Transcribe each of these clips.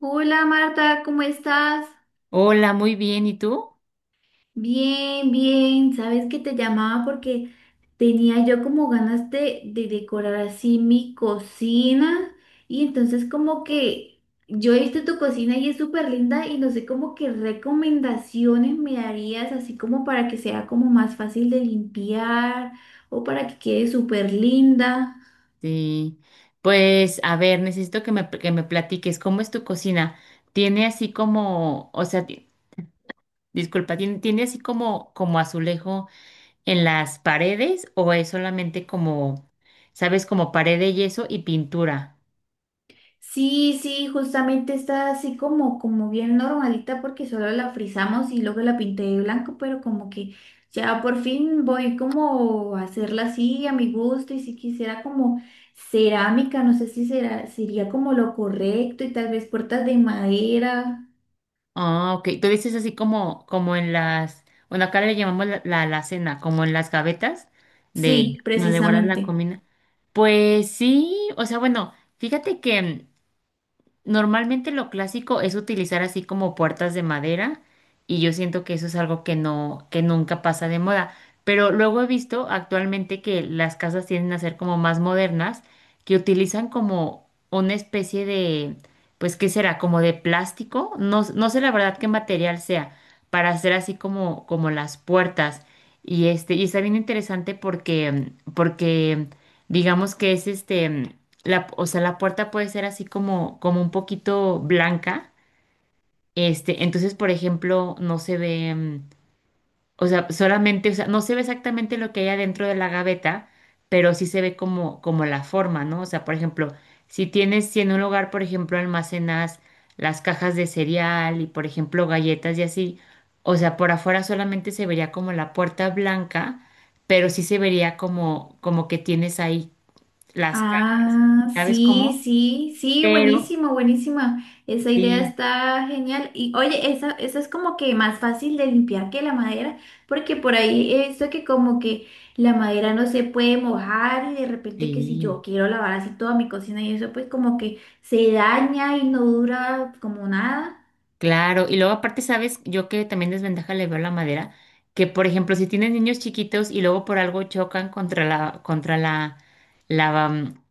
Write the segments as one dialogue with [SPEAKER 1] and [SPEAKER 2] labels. [SPEAKER 1] Hola Marta, ¿cómo estás?
[SPEAKER 2] Hola, muy bien. ¿Y tú?
[SPEAKER 1] Bien, bien. Sabes que te llamaba porque tenía yo como ganas de decorar así mi cocina y entonces como que yo he visto tu cocina y es súper linda y no sé como qué recomendaciones me darías así como para que sea como más fácil de limpiar o para que quede súper linda.
[SPEAKER 2] Sí. Pues, a ver, necesito que me platiques cómo es tu cocina. Tiene así como, o sea, ¿tiene así como, como azulejo en las paredes o es solamente como, sabes, como pared de yeso y pintura?
[SPEAKER 1] Sí, sí, justamente está así como, como bien normalita porque solo la frizamos y luego la pinté de blanco, pero como que ya por fin voy como a hacerla así a mi gusto y si quisiera como cerámica, no sé si será, sería como lo correcto y tal vez puertas de madera.
[SPEAKER 2] Ah, ok. Tú dices así como, como en las, bueno, acá le llamamos la alacena, como en las gavetas de
[SPEAKER 1] Sí,
[SPEAKER 2] donde guardas la
[SPEAKER 1] precisamente.
[SPEAKER 2] comida. Pues sí, o sea, bueno, fíjate que. Normalmente lo clásico es utilizar así como puertas de madera y yo siento que eso es algo que no, que nunca pasa de moda. Pero luego he visto actualmente que las casas tienden a ser como más modernas, que utilizan como una especie de, pues, ¿qué será? Como de plástico. No, no sé la verdad qué material sea para hacer así como, como las puertas. Y este, y está bien interesante porque digamos que es este la, o sea, la puerta puede ser así como, como un poquito blanca. Este, entonces, por ejemplo, no se ve, o sea, solamente, o sea, no se ve exactamente lo que hay adentro de la gaveta, pero sí se ve como, como la forma, ¿no? O sea, por ejemplo, si tienes, si en un lugar, por ejemplo, almacenas las cajas de cereal y, por ejemplo, galletas y así, o sea, por afuera solamente se vería como la puerta blanca, pero sí se vería como, como que tienes ahí las cajas,
[SPEAKER 1] Ah,
[SPEAKER 2] ¿sabes
[SPEAKER 1] sí,
[SPEAKER 2] cómo?
[SPEAKER 1] sí, sí,
[SPEAKER 2] Pero
[SPEAKER 1] buenísimo, buenísima. Esa idea
[SPEAKER 2] sí,
[SPEAKER 1] está genial. Y oye, esa es como que más fácil de limpiar que la madera, porque por ahí he visto que como que la madera no se puede mojar y de repente que si yo
[SPEAKER 2] sí,
[SPEAKER 1] quiero lavar así toda mi cocina y eso, pues como que se daña y no dura como nada.
[SPEAKER 2] claro. Y luego aparte, ¿sabes? Yo que también desventaja le veo la madera, que por ejemplo, si tienes niños chiquitos y luego por algo chocan contra la, contra la, la, mm,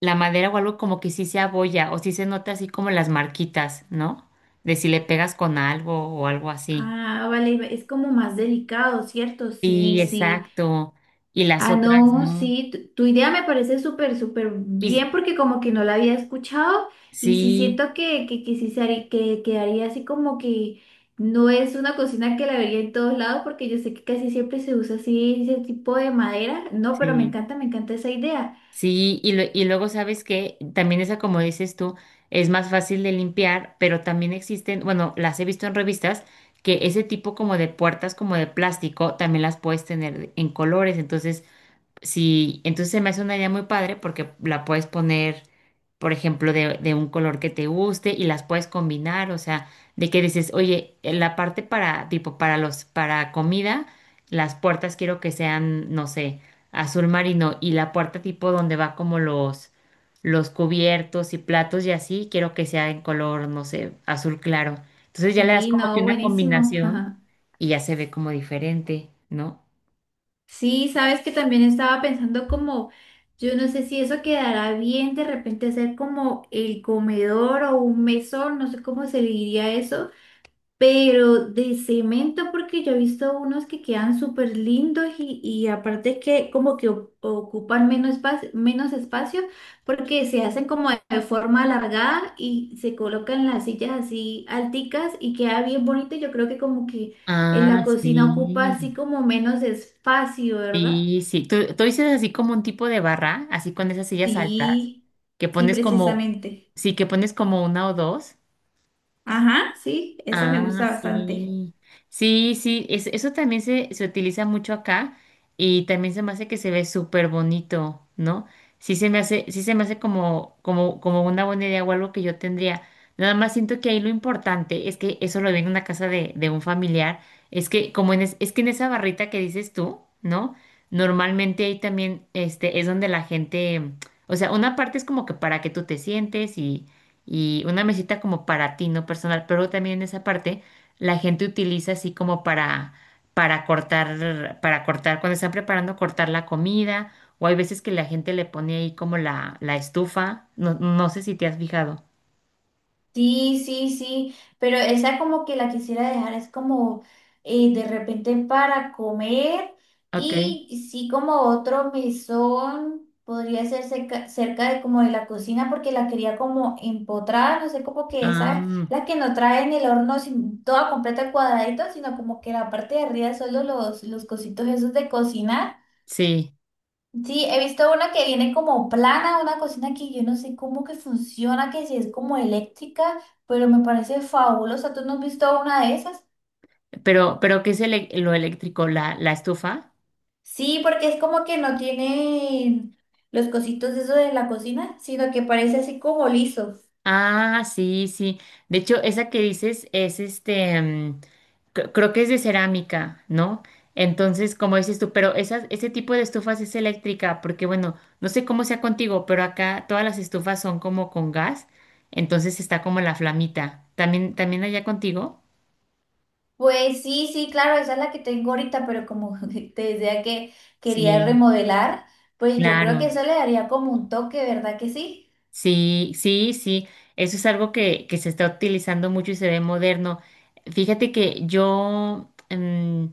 [SPEAKER 2] la madera o algo como que sí se abolla o sí se nota así como las marquitas, ¿no? De si le pegas con algo o algo así.
[SPEAKER 1] Ah, vale, es como más delicado, ¿cierto? Sí,
[SPEAKER 2] Sí,
[SPEAKER 1] sí.
[SPEAKER 2] exacto. Y las
[SPEAKER 1] Ah,
[SPEAKER 2] otras,
[SPEAKER 1] no,
[SPEAKER 2] ¿no?
[SPEAKER 1] sí, tu idea me parece súper, súper
[SPEAKER 2] Y
[SPEAKER 1] bien porque como que no la había escuchado y sí
[SPEAKER 2] sí,
[SPEAKER 1] siento que sí se haría- que quedaría así como que no es una cocina que la vería en todos lados porque yo sé que casi siempre se usa así ese tipo de madera. No, pero
[SPEAKER 2] sí.
[SPEAKER 1] me encanta esa idea.
[SPEAKER 2] Sí, y, y luego sabes que también esa, como dices tú, es más fácil de limpiar, pero también existen, bueno, las he visto en revistas, que ese tipo como de puertas como de plástico también las puedes tener en colores, entonces sí, entonces se me hace una idea muy padre porque la puedes poner, por ejemplo, de un color que te guste y las puedes combinar, o sea, de que dices, oye, en la parte para, tipo, para los, para comida, las puertas quiero que sean, no sé, azul marino y la puerta tipo donde va como los cubiertos y platos y así, quiero que sea en color, no sé, azul claro. Entonces ya le das
[SPEAKER 1] Sí,
[SPEAKER 2] como que
[SPEAKER 1] no,
[SPEAKER 2] una
[SPEAKER 1] buenísimo.
[SPEAKER 2] combinación
[SPEAKER 1] Ajá.
[SPEAKER 2] y ya se ve como diferente, ¿no?
[SPEAKER 1] Sí, sabes que también estaba pensando como, yo no sé si eso quedará bien de repente hacer como el comedor o un mesón, no sé cómo se le diría eso. Pero de cemento, porque yo he visto unos que quedan súper lindos y aparte que como que ocupan menos espacio, porque se hacen como de forma alargada y se colocan las sillas así alticas y queda bien bonito. Yo creo que como que en la
[SPEAKER 2] Ah,
[SPEAKER 1] cocina ocupa
[SPEAKER 2] sí.
[SPEAKER 1] así como menos espacio, ¿verdad?
[SPEAKER 2] Sí, sí. ¿Tú dices así como un tipo de barra, así con esas sillas altas,
[SPEAKER 1] Sí,
[SPEAKER 2] que
[SPEAKER 1] sí,
[SPEAKER 2] pones como,
[SPEAKER 1] precisamente.
[SPEAKER 2] sí, que pones como una o dos.
[SPEAKER 1] Ajá, sí, esa me
[SPEAKER 2] Ah,
[SPEAKER 1] gusta bastante.
[SPEAKER 2] sí. Sí, sí, eso también se utiliza mucho acá y también se me hace que se ve súper bonito, ¿no? Sí se me hace, sí se me hace como, como, como una buena idea o algo que yo tendría. Nada más siento que ahí lo importante es que eso lo vi en una casa de un familiar, es que en esa barrita que dices tú, ¿no? Normalmente ahí también este es donde la gente, o sea, una parte es como que para que tú te sientes y una mesita como para ti, no personal, pero también en esa parte la gente utiliza así como para, para cortar, cuando están preparando, cortar la comida, o hay veces que la gente le pone ahí como la estufa, no, no sé si te has fijado.
[SPEAKER 1] Sí, sí, sí, pero esa como que la quisiera dejar, es como de repente para comer
[SPEAKER 2] Ok.
[SPEAKER 1] y sí como otro mesón podría ser cerca, cerca de como de la cocina porque la quería como empotrar, no sé, como que esa
[SPEAKER 2] Ah,
[SPEAKER 1] la que no trae en el horno sin, toda completa cuadradito, sino como que la parte de arriba solo los cositos esos de cocinar.
[SPEAKER 2] sí,
[SPEAKER 1] Sí, he visto una que viene como plana, una cocina que yo no sé cómo que funciona, que si es como eléctrica, pero me parece fabulosa. ¿Tú no has visto una de esas?
[SPEAKER 2] pero ¿qué es el, lo eléctrico? ¿La, la estufa?
[SPEAKER 1] Sí, porque es como que no tiene los cositos de eso de la cocina, sino que parece así como liso.
[SPEAKER 2] Ah, sí, sí. De hecho, esa que dices es este, creo que es de cerámica, ¿no? Entonces, como dices tú, pero esas, ese tipo de estufas es eléctrica, porque bueno, no sé cómo sea contigo, pero acá todas las estufas son como con gas, entonces está como la flamita. ¿También, también allá contigo?
[SPEAKER 1] Pues sí, sí, claro, esa es la que tengo ahorita, pero como te decía que quería
[SPEAKER 2] Sí,
[SPEAKER 1] remodelar, pues yo creo que
[SPEAKER 2] claro.
[SPEAKER 1] eso le daría como un toque, ¿verdad que sí?
[SPEAKER 2] Sí, sí, sí. Eso es algo que se está utilizando mucho y se ve moderno. Fíjate que yo, mm,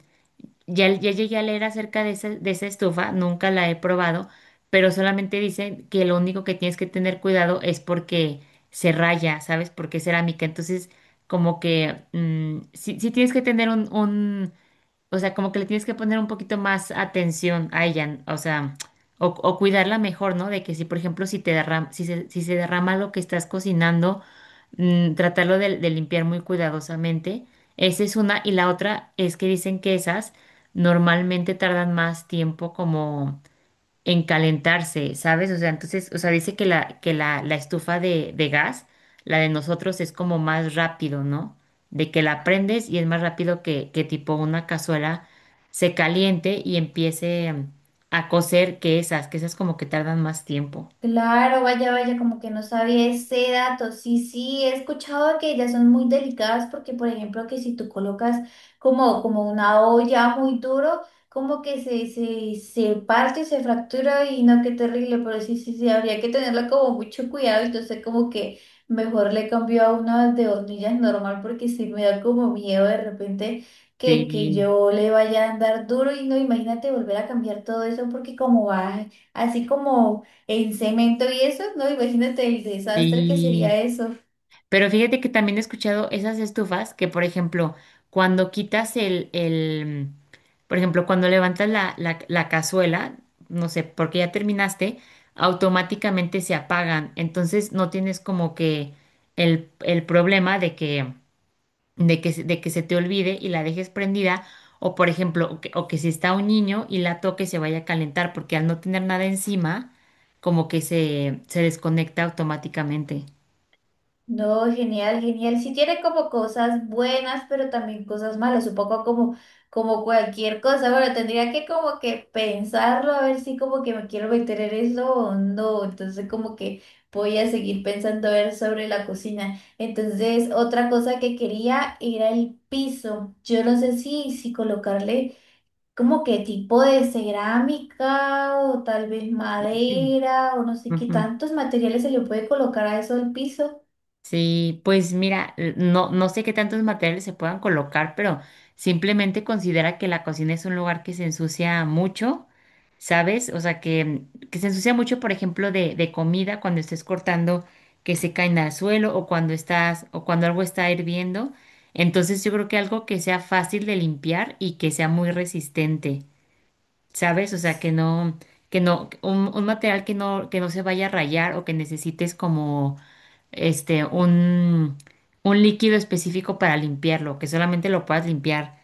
[SPEAKER 2] ya llegué a leer acerca de esa estufa, nunca la he probado, pero solamente dicen que lo único que tienes que tener cuidado es porque se raya, ¿sabes? Porque es cerámica. Entonces, sí, sí tienes que tener un o sea, como que le tienes que poner un poquito más atención a ella, o sea, o cuidarla mejor, ¿no? De que si, por ejemplo, si se, si se derrama lo que estás cocinando, mm, tratarlo de limpiar muy cuidadosamente. Esa es una. Y la otra es que dicen que esas normalmente tardan más tiempo como en calentarse, ¿sabes? O sea, entonces, o sea, dice que la, la estufa de gas, la de nosotros es como más rápido, ¿no? De que la prendes y es más rápido que tipo una cazuela se caliente y empiece a cocer que esas como que tardan más tiempo.
[SPEAKER 1] Claro, vaya, vaya, como que no sabía ese dato. Sí, sí, he escuchado que ellas son muy delicadas porque, por ejemplo, que si tú colocas como, como una olla muy duro, como que se parte, se fractura y no, qué terrible, pero sí, sí, sí, habría que tenerlo como mucho cuidado. Entonces, como que mejor le cambio a una de hornillas normal porque sí me da como miedo de repente que
[SPEAKER 2] Sí,
[SPEAKER 1] yo le vaya a andar duro y no, imagínate volver a cambiar todo eso porque como va así como... En cemento y eso, no, imagínate el desastre que
[SPEAKER 2] sí.
[SPEAKER 1] sería eso.
[SPEAKER 2] Pero fíjate que también he escuchado esas estufas que, por ejemplo, cuando quitas el, por ejemplo, cuando levantas la, la cazuela, no sé, porque ya terminaste, automáticamente se apagan. Entonces no tienes como que el problema de que, de que se te olvide y la dejes prendida. O, por ejemplo, o que si está un niño y la toque se vaya a calentar, porque al no tener nada encima, como que se desconecta automáticamente.
[SPEAKER 1] No, genial, genial. Sí tiene como cosas buenas, pero también cosas malas, un poco como, como cualquier cosa. Bueno, tendría que como que pensarlo, a ver si como que me quiero meter en eso o no. Entonces como que voy a seguir pensando a ver sobre la cocina. Entonces, otra cosa que quería era el piso. Yo no sé si colocarle como que tipo de cerámica o tal vez
[SPEAKER 2] Sí.
[SPEAKER 1] madera o no sé qué tantos materiales se le puede colocar a eso al piso.
[SPEAKER 2] Sí, pues mira, no, no sé qué tantos materiales se puedan colocar, pero simplemente considera que la cocina es un lugar que se ensucia mucho, ¿sabes? O sea, que se ensucia mucho, por ejemplo, de comida cuando estés cortando que se caen al suelo o cuando estás, o cuando algo está hirviendo. Entonces yo creo que algo que sea fácil de limpiar y que sea muy resistente, ¿sabes? O sea, que no, un material que no se vaya a rayar o que necesites como este, un líquido específico para limpiarlo, que solamente lo puedas limpiar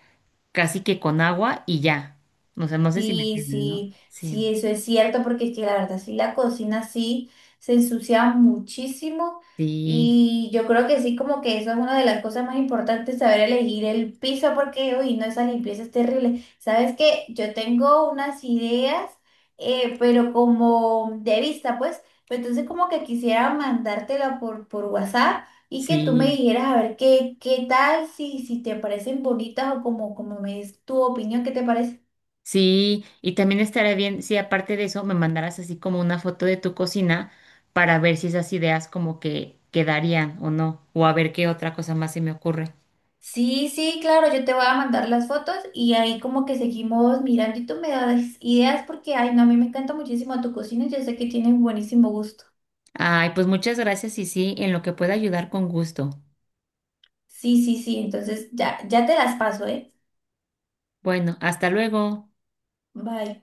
[SPEAKER 2] casi que con agua y ya. No sé, no sé si me
[SPEAKER 1] Sí,
[SPEAKER 2] entiendes, ¿no?
[SPEAKER 1] sí,
[SPEAKER 2] Sí,
[SPEAKER 1] sí, eso es cierto, porque es que la verdad, sí, la cocina sí se ensucia muchísimo
[SPEAKER 2] sí,
[SPEAKER 1] y yo creo que sí, como que eso es una de las cosas más importantes, saber elegir el piso, porque, uy, no, esa limpieza es terrible. Sabes que yo tengo unas ideas, pero como de vista, pues, pero entonces como que quisiera mandártela por WhatsApp y que tú me
[SPEAKER 2] sí,
[SPEAKER 1] dijeras a ver qué, qué tal, si, si te parecen bonitas o como, como me es tu opinión, ¿qué te parece?
[SPEAKER 2] sí. Y también estaría bien si aparte de eso me mandaras así como una foto de tu cocina para ver si esas ideas como que quedarían o no, o a ver qué otra cosa más se me ocurre.
[SPEAKER 1] Sí, sí, claro, yo te voy a mandar las fotos y ahí como que seguimos mirando y tú me das ideas porque, ay, no, a mí me encanta muchísimo tu cocina y yo sé que tienes buenísimo gusto.
[SPEAKER 2] Ay, pues muchas gracias y sí, en lo que pueda ayudar con gusto.
[SPEAKER 1] Sí, sí, sí, entonces ya, ya te las paso, ¿eh?
[SPEAKER 2] Bueno, hasta luego.
[SPEAKER 1] Bye.